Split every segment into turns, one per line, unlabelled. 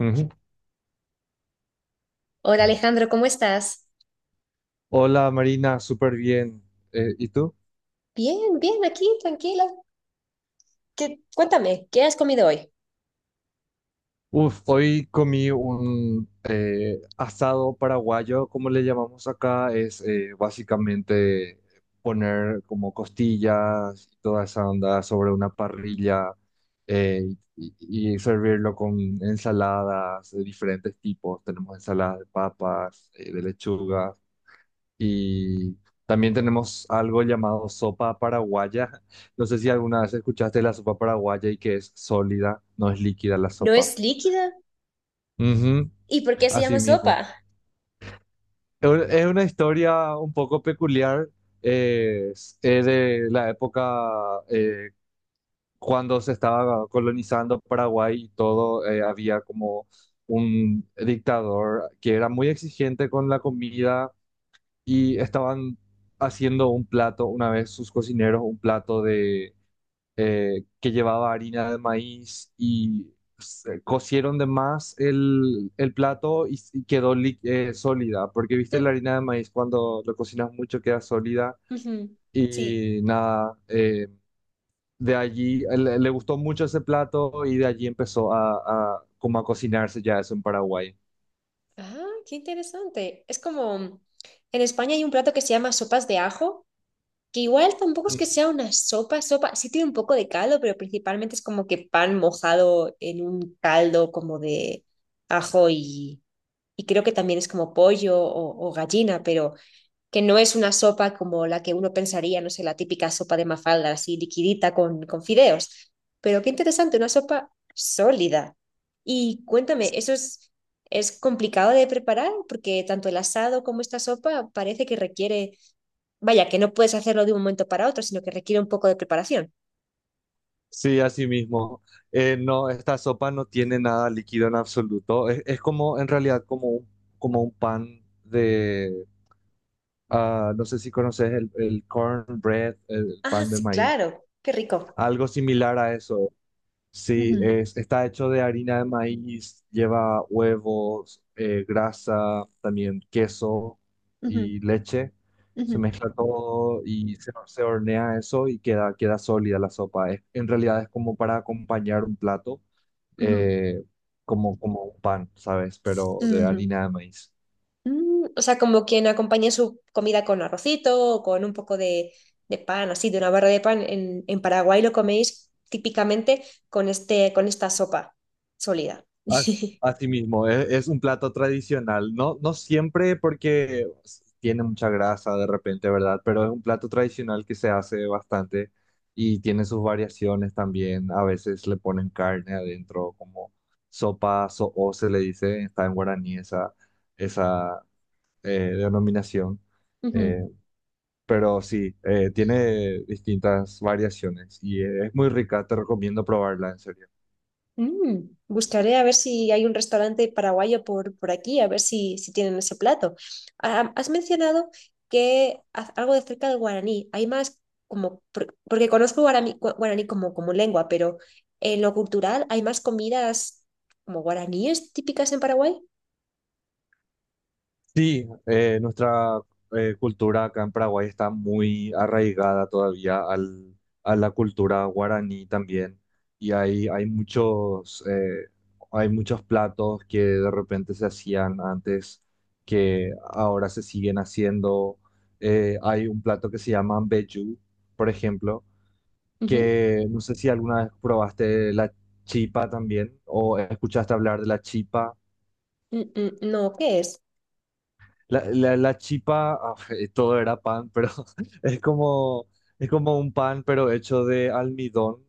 Ujú.
Hola Alejandro, ¿cómo estás?
Hola Marina, súper bien. ¿Y tú?
Bien, bien, aquí, tranquila. ¿Qué has comido hoy?
Uf, hoy comí un asado paraguayo, como le llamamos acá, es básicamente poner como costillas y toda esa onda sobre una parrilla eh, y, y servirlo con ensaladas de diferentes tipos. Tenemos ensaladas de papas, de lechuga. Y también tenemos algo llamado sopa paraguaya. No sé si alguna vez escuchaste la sopa paraguaya y que es sólida, no es líquida la
¿No
sopa.
es líquida?
Ujú,
¿Y por qué se llama
así mismo.
sopa?
Es una historia un poco peculiar. Es de la época cuando se estaba colonizando Paraguay y todo, había como un dictador que era muy exigente con la comida y estaban haciendo un plato, una vez sus cocineros, un plato de que llevaba harina de maíz y cocieron de más el plato y quedó sólida, porque viste la
Mm,
harina de maíz cuando lo cocinas mucho queda sólida
ujú. Sí.
y nada, de allí le gustó mucho ese plato y de allí empezó a como a cocinarse ya eso en Paraguay.
Ah, qué interesante. En España hay un plato que se llama sopas de ajo, que igual tampoco es que sea una sopa, sopa, sí tiene un poco de caldo, pero principalmente es como que pan mojado en un caldo como de ajo y creo que también es como pollo o gallina, pero que no es una sopa como la que uno pensaría, no sé, la típica sopa de mafalda, así liquidita con fideos. Pero qué interesante, una sopa sólida. Y cuéntame, ¿eso es complicado de preparar? Porque tanto el asado como esta sopa parece que requiere, vaya, que no puedes hacerlo de un momento para otro, sino que requiere un poco de preparación.
Sí, así mismo. No, esta sopa no tiene nada líquido en absoluto. Es como, en realidad, como un pan de, ah, no sé si conoces el cornbread, el
Ah,
pan de
sí,
maíz.
claro, qué rico.
Algo similar a eso.
Ujú,
Sí, está hecho de harina de maíz, lleva huevos, grasa, también queso y
ujú,
leche. Se
ujú,
mezcla todo y se hornea eso y queda sólida la sopa. En realidad es como para acompañar un plato,
ujú,
eh, como, como un pan, ¿sabes? Pero de
ujú.
harina de maíz.
Mm, o sea, como quien acompaña su comida con arrocito o con un poco de pan, así, de una barra de pan. En Paraguay lo coméis típicamente con este, con esta sopa sólida.
Así mismo, es un plato tradicional, no, no siempre porque tiene mucha grasa de repente, ¿verdad? Pero es un plato tradicional que se hace bastante y tiene sus variaciones también. A veces le ponen carne adentro, como sopa so'o se le dice, está en guaraní esa eh, denominación.
Ujú.
Eh, pero sí, tiene distintas variaciones y es muy rica, te recomiendo probarla, en serio.
Mm, buscaré a ver si hay un restaurante paraguayo por aquí, a ver si, si tienen ese plato. Ah, has mencionado que algo de cerca del guaraní. Hay más como, porque conozco guaraní, guaraní como, como lengua, pero en lo cultural hay más comidas como guaraníes típicas en Paraguay.
Sí, nuestra cultura acá en Paraguay está muy arraigada todavía al, a la cultura guaraní también. Y hay muchos, hay muchos platos que de repente se hacían antes que ahora se siguen haciendo. Hay un plato que se llama mbejú, por ejemplo,
Ujú.
que no sé si alguna vez probaste la chipa también o escuchaste hablar de la chipa.
Mm, mm, no, ¿qué es?
La chipa, ah, todo era pan, pero es como, es como un pan, pero hecho de almidón,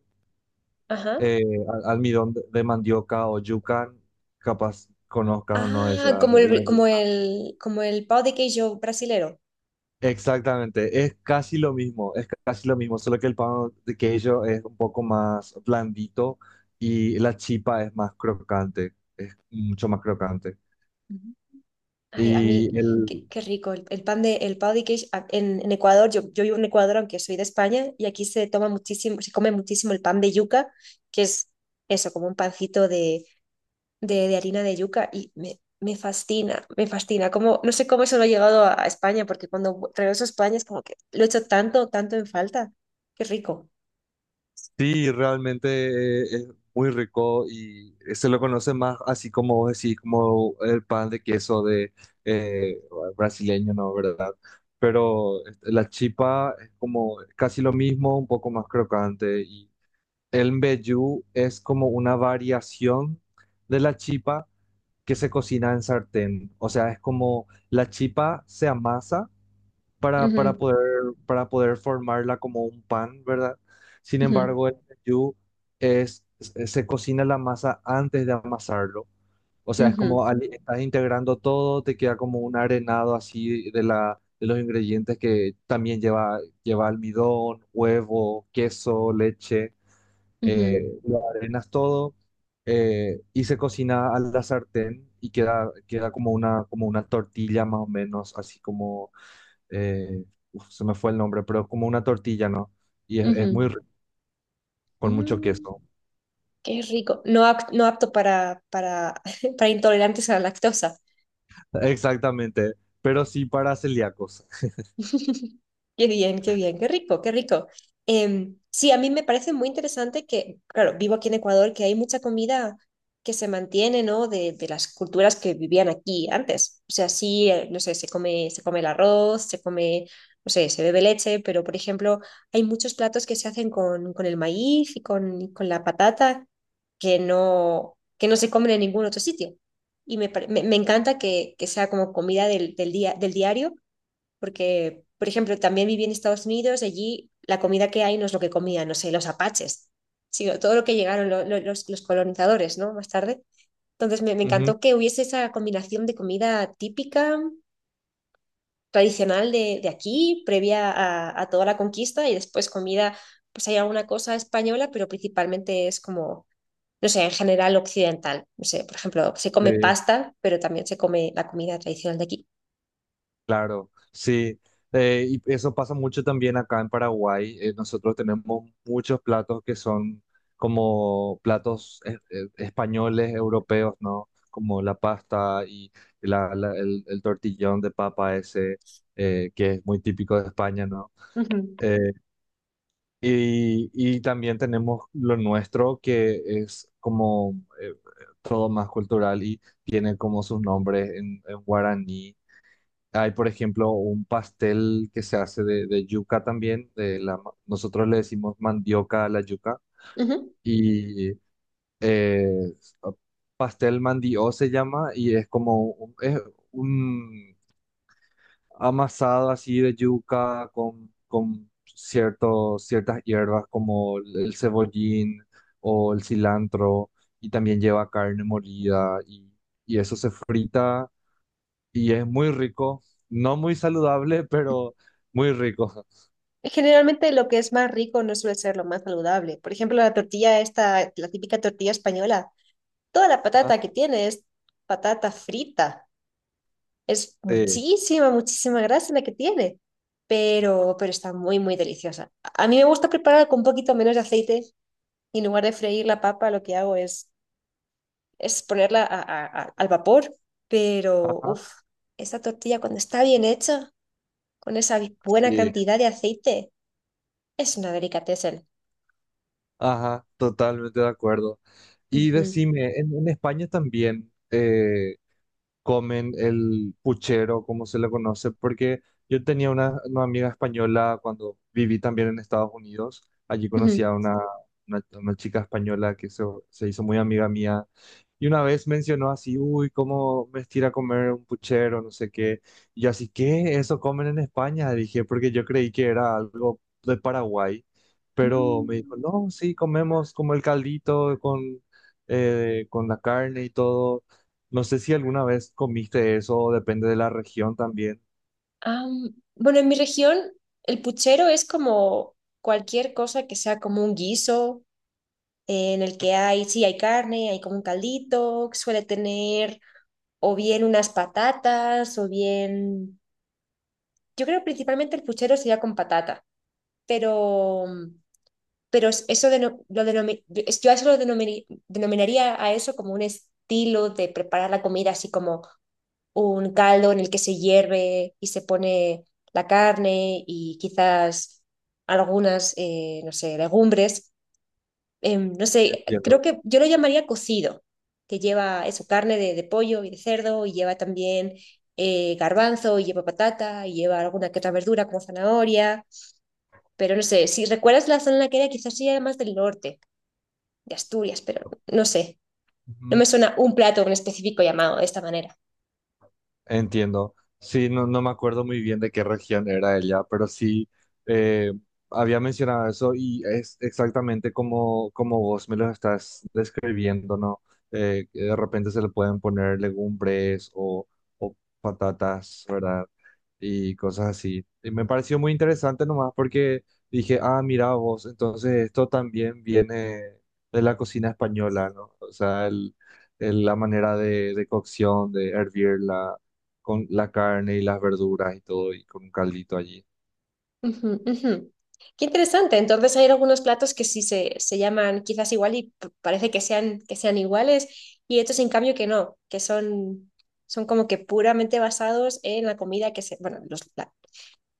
Ajá.
eh, almidón de mandioca o yuca, capaz conozcas o no esa,
Ah, como
la
el, como
yuca.
el, como el pão de queijo brasilero.
Exactamente, es casi lo mismo, es casi lo mismo, solo que el pan de queso es un poco más blandito y la chipa es más crocante, es mucho más crocante.
Ay, a mí,
Y
qué,
el,
qué rico. El pan de, el pão de queijo en Ecuador, yo vivo en Ecuador, aunque soy de España, y aquí se toma muchísimo, se come muchísimo el pan de yuca, que es eso, como un pancito de harina de yuca, y me fascina, me fascina. Como, no sé cómo eso no ha llegado a España, porque cuando regreso a España es como que lo he hecho tanto, tanto en falta. Qué rico.
Sí, realmente es muy rico y se lo conoce más así como vos decís, como el pan de queso de eh, brasileño, ¿no? ¿Verdad? Pero este, la chipa es como casi lo mismo, un poco más crocante. Y el mbejú es como una variación de la chipa que se cocina en sartén. O sea, es como la chipa se amasa para, para
Ujú,
poder, para poder formarla como un pan, ¿verdad? Sin
ujú,
embargo, el mbejú se cocina la masa antes de amasarlo. O sea, es como estás integrando todo, te queda como un arenado así de la, de los ingredientes que también lleva, lleva almidón, huevo, queso, leche,
ujú, ujú,
lo arenas todo. Y se cocina a la sartén y queda como una tortilla más o menos, así como eh, uf, se me fue el nombre, pero es como una tortilla, ¿no? Es muy
ujú.
rico, con mucho
Mm.
queso.
Qué rico. No, no apto para, para intolerantes a la lactosa.
Exactamente, pero sí para celíacos.
Qué bien, qué bien, qué rico, qué rico. Sí, a mí me parece muy interesante que, claro, vivo aquí en Ecuador, que hay mucha comida que se mantiene, ¿no? De las culturas que vivían aquí antes. O sea, sí, no sé, se come el arroz, se come, no sé, se bebe leche, pero por ejemplo, hay muchos platos que se hacen con el maíz y con la patata que no se comen en ningún otro sitio. Y me, me, me encanta que sea como comida del, del día, del diario porque, por ejemplo, también viví en Estados Unidos, allí la comida que hay no es lo que comían, no sé, los apaches, sino todo lo que llegaron los colonizadores, ¿no? Más tarde. Entonces me
Ujú,
encantó que hubiese esa combinación de comida típica, tradicional de aquí, previa a toda la conquista, y después comida, pues hay alguna cosa española, pero principalmente es como, no sé, en general occidental. No sé, por ejemplo, se
sí,
come pasta, pero también se come la comida tradicional de aquí.
claro, sí. Y eso pasa mucho también acá en Paraguay. Nosotros tenemos muchos platos que son como platos españoles, europeos, ¿no? Como la pasta y el tortillón de papa ese, que es muy típico de España, ¿no?
Ujú,
Eh, y también tenemos lo nuestro, que es como eh, todo más cultural y tiene como sus nombres en guaraní. Hay, por ejemplo, un pastel que se hace de yuca también. De la, nosotros le decimos mandioca a la yuca.
ujú.
Y eh, pastel mandió se llama y es como es un amasado así de yuca con ciertos, ciertas hierbas como el cebollín o el cilantro y también lleva carne molida y eso se frita y es muy rico, no muy saludable, pero muy rico.
Generalmente lo que es más rico no suele ser lo más saludable. Por ejemplo, la tortilla esta, la típica tortilla española, toda la
Ajá,
patata que tiene es patata frita. Es
sí,
muchísima, muchísima grasa la que tiene, pero está muy, muy deliciosa. A mí me gusta preparar con un poquito menos de aceite y en lugar de freír la papa, lo que hago es ponerla al vapor, pero
ajá,
uff, esa tortilla cuando está bien hecha, con esa buena
sí,
cantidad de aceite, es una delicatessen.
ajá, totalmente de acuerdo. Y
Ujú.
decime, en España también comen el puchero, como se le conoce, porque yo tenía una amiga española cuando viví también en Estados Unidos. Allí conocí a
Ujú.
una chica española se hizo muy amiga mía. Y una vez mencionó así, uy, cómo me estira comer un puchero, no sé qué. Y yo así, ¿qué? ¿Eso comen en España? Dije, porque yo creí que era algo de Paraguay. Pero me dijo,
Mm,
no, sí, comemos como el caldito con la carne y todo. No sé si alguna vez comiste eso, depende de la región también.
am, bueno, en mi región el puchero es como cualquier cosa que sea como un guiso en el que hay, sí, hay carne, hay como un caldito, que suele tener o bien unas patatas o bien, yo creo principalmente el puchero sería con patata, pero, mm, pero eso lo yo yo a eso lo denominaría a eso como un estilo de preparar la comida así como un caldo en el que se hierve y se pone la carne y quizás algunas, no sé, legumbres. No sé, creo
Entiendo.
que yo lo llamaría cocido, que lleva eso, carne de pollo y de cerdo y lleva también garbanzo y lleva patata y lleva alguna que otra verdura como zanahoria. Pero no sé, si recuerdas la zona en la que era, quizás sí era más del norte, de Asturias, pero no sé. No
Ujú.
me suena un plato en específico llamado de esta manera.
Entiendo. Sí, no, no me acuerdo muy bien de qué región era ella, pero sí eh, había mencionado eso y es exactamente como, como vos me lo estás describiendo, ¿no? Que de repente se le pueden poner legumbres o patatas, ¿verdad? Y cosas así. Y me pareció muy interesante nomás porque dije, ah, mira vos, entonces esto también viene de la cocina española, ¿no? O sea, la manera de cocción, de hervirla con la carne y las verduras y todo, y con un caldito allí.
Ujú, ujú. Qué interesante. Entonces hay algunos platos que sí se llaman quizás igual y parece que sean iguales y otros en cambio que no, que son, son como que puramente basados en la comida que se, bueno,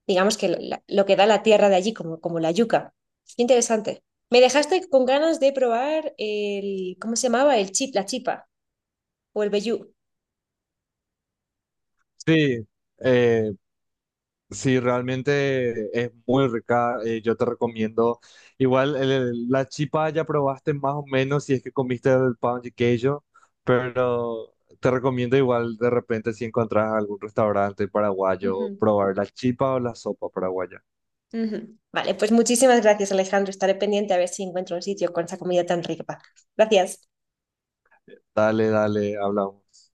digamos que lo que da la tierra de allí, como, como la yuca. Qué interesante. Me dejaste con ganas de probar el, ¿cómo se llamaba? El chip, la chipa o el vellú.
Sí, eh, sí, realmente es muy rica. Yo te recomiendo. Igual la chipa ya probaste más o menos si es que comiste el pan de queijo, pero te recomiendo igual de repente si encontrás algún restaurante paraguayo,
Ujú,
probar la chipa o la sopa paraguaya.
ujú. Vale, pues muchísimas gracias, Alejandro. Estaré pendiente a ver si encuentro un sitio con esa comida tan rica. Gracias.
Dale, dale, hablamos.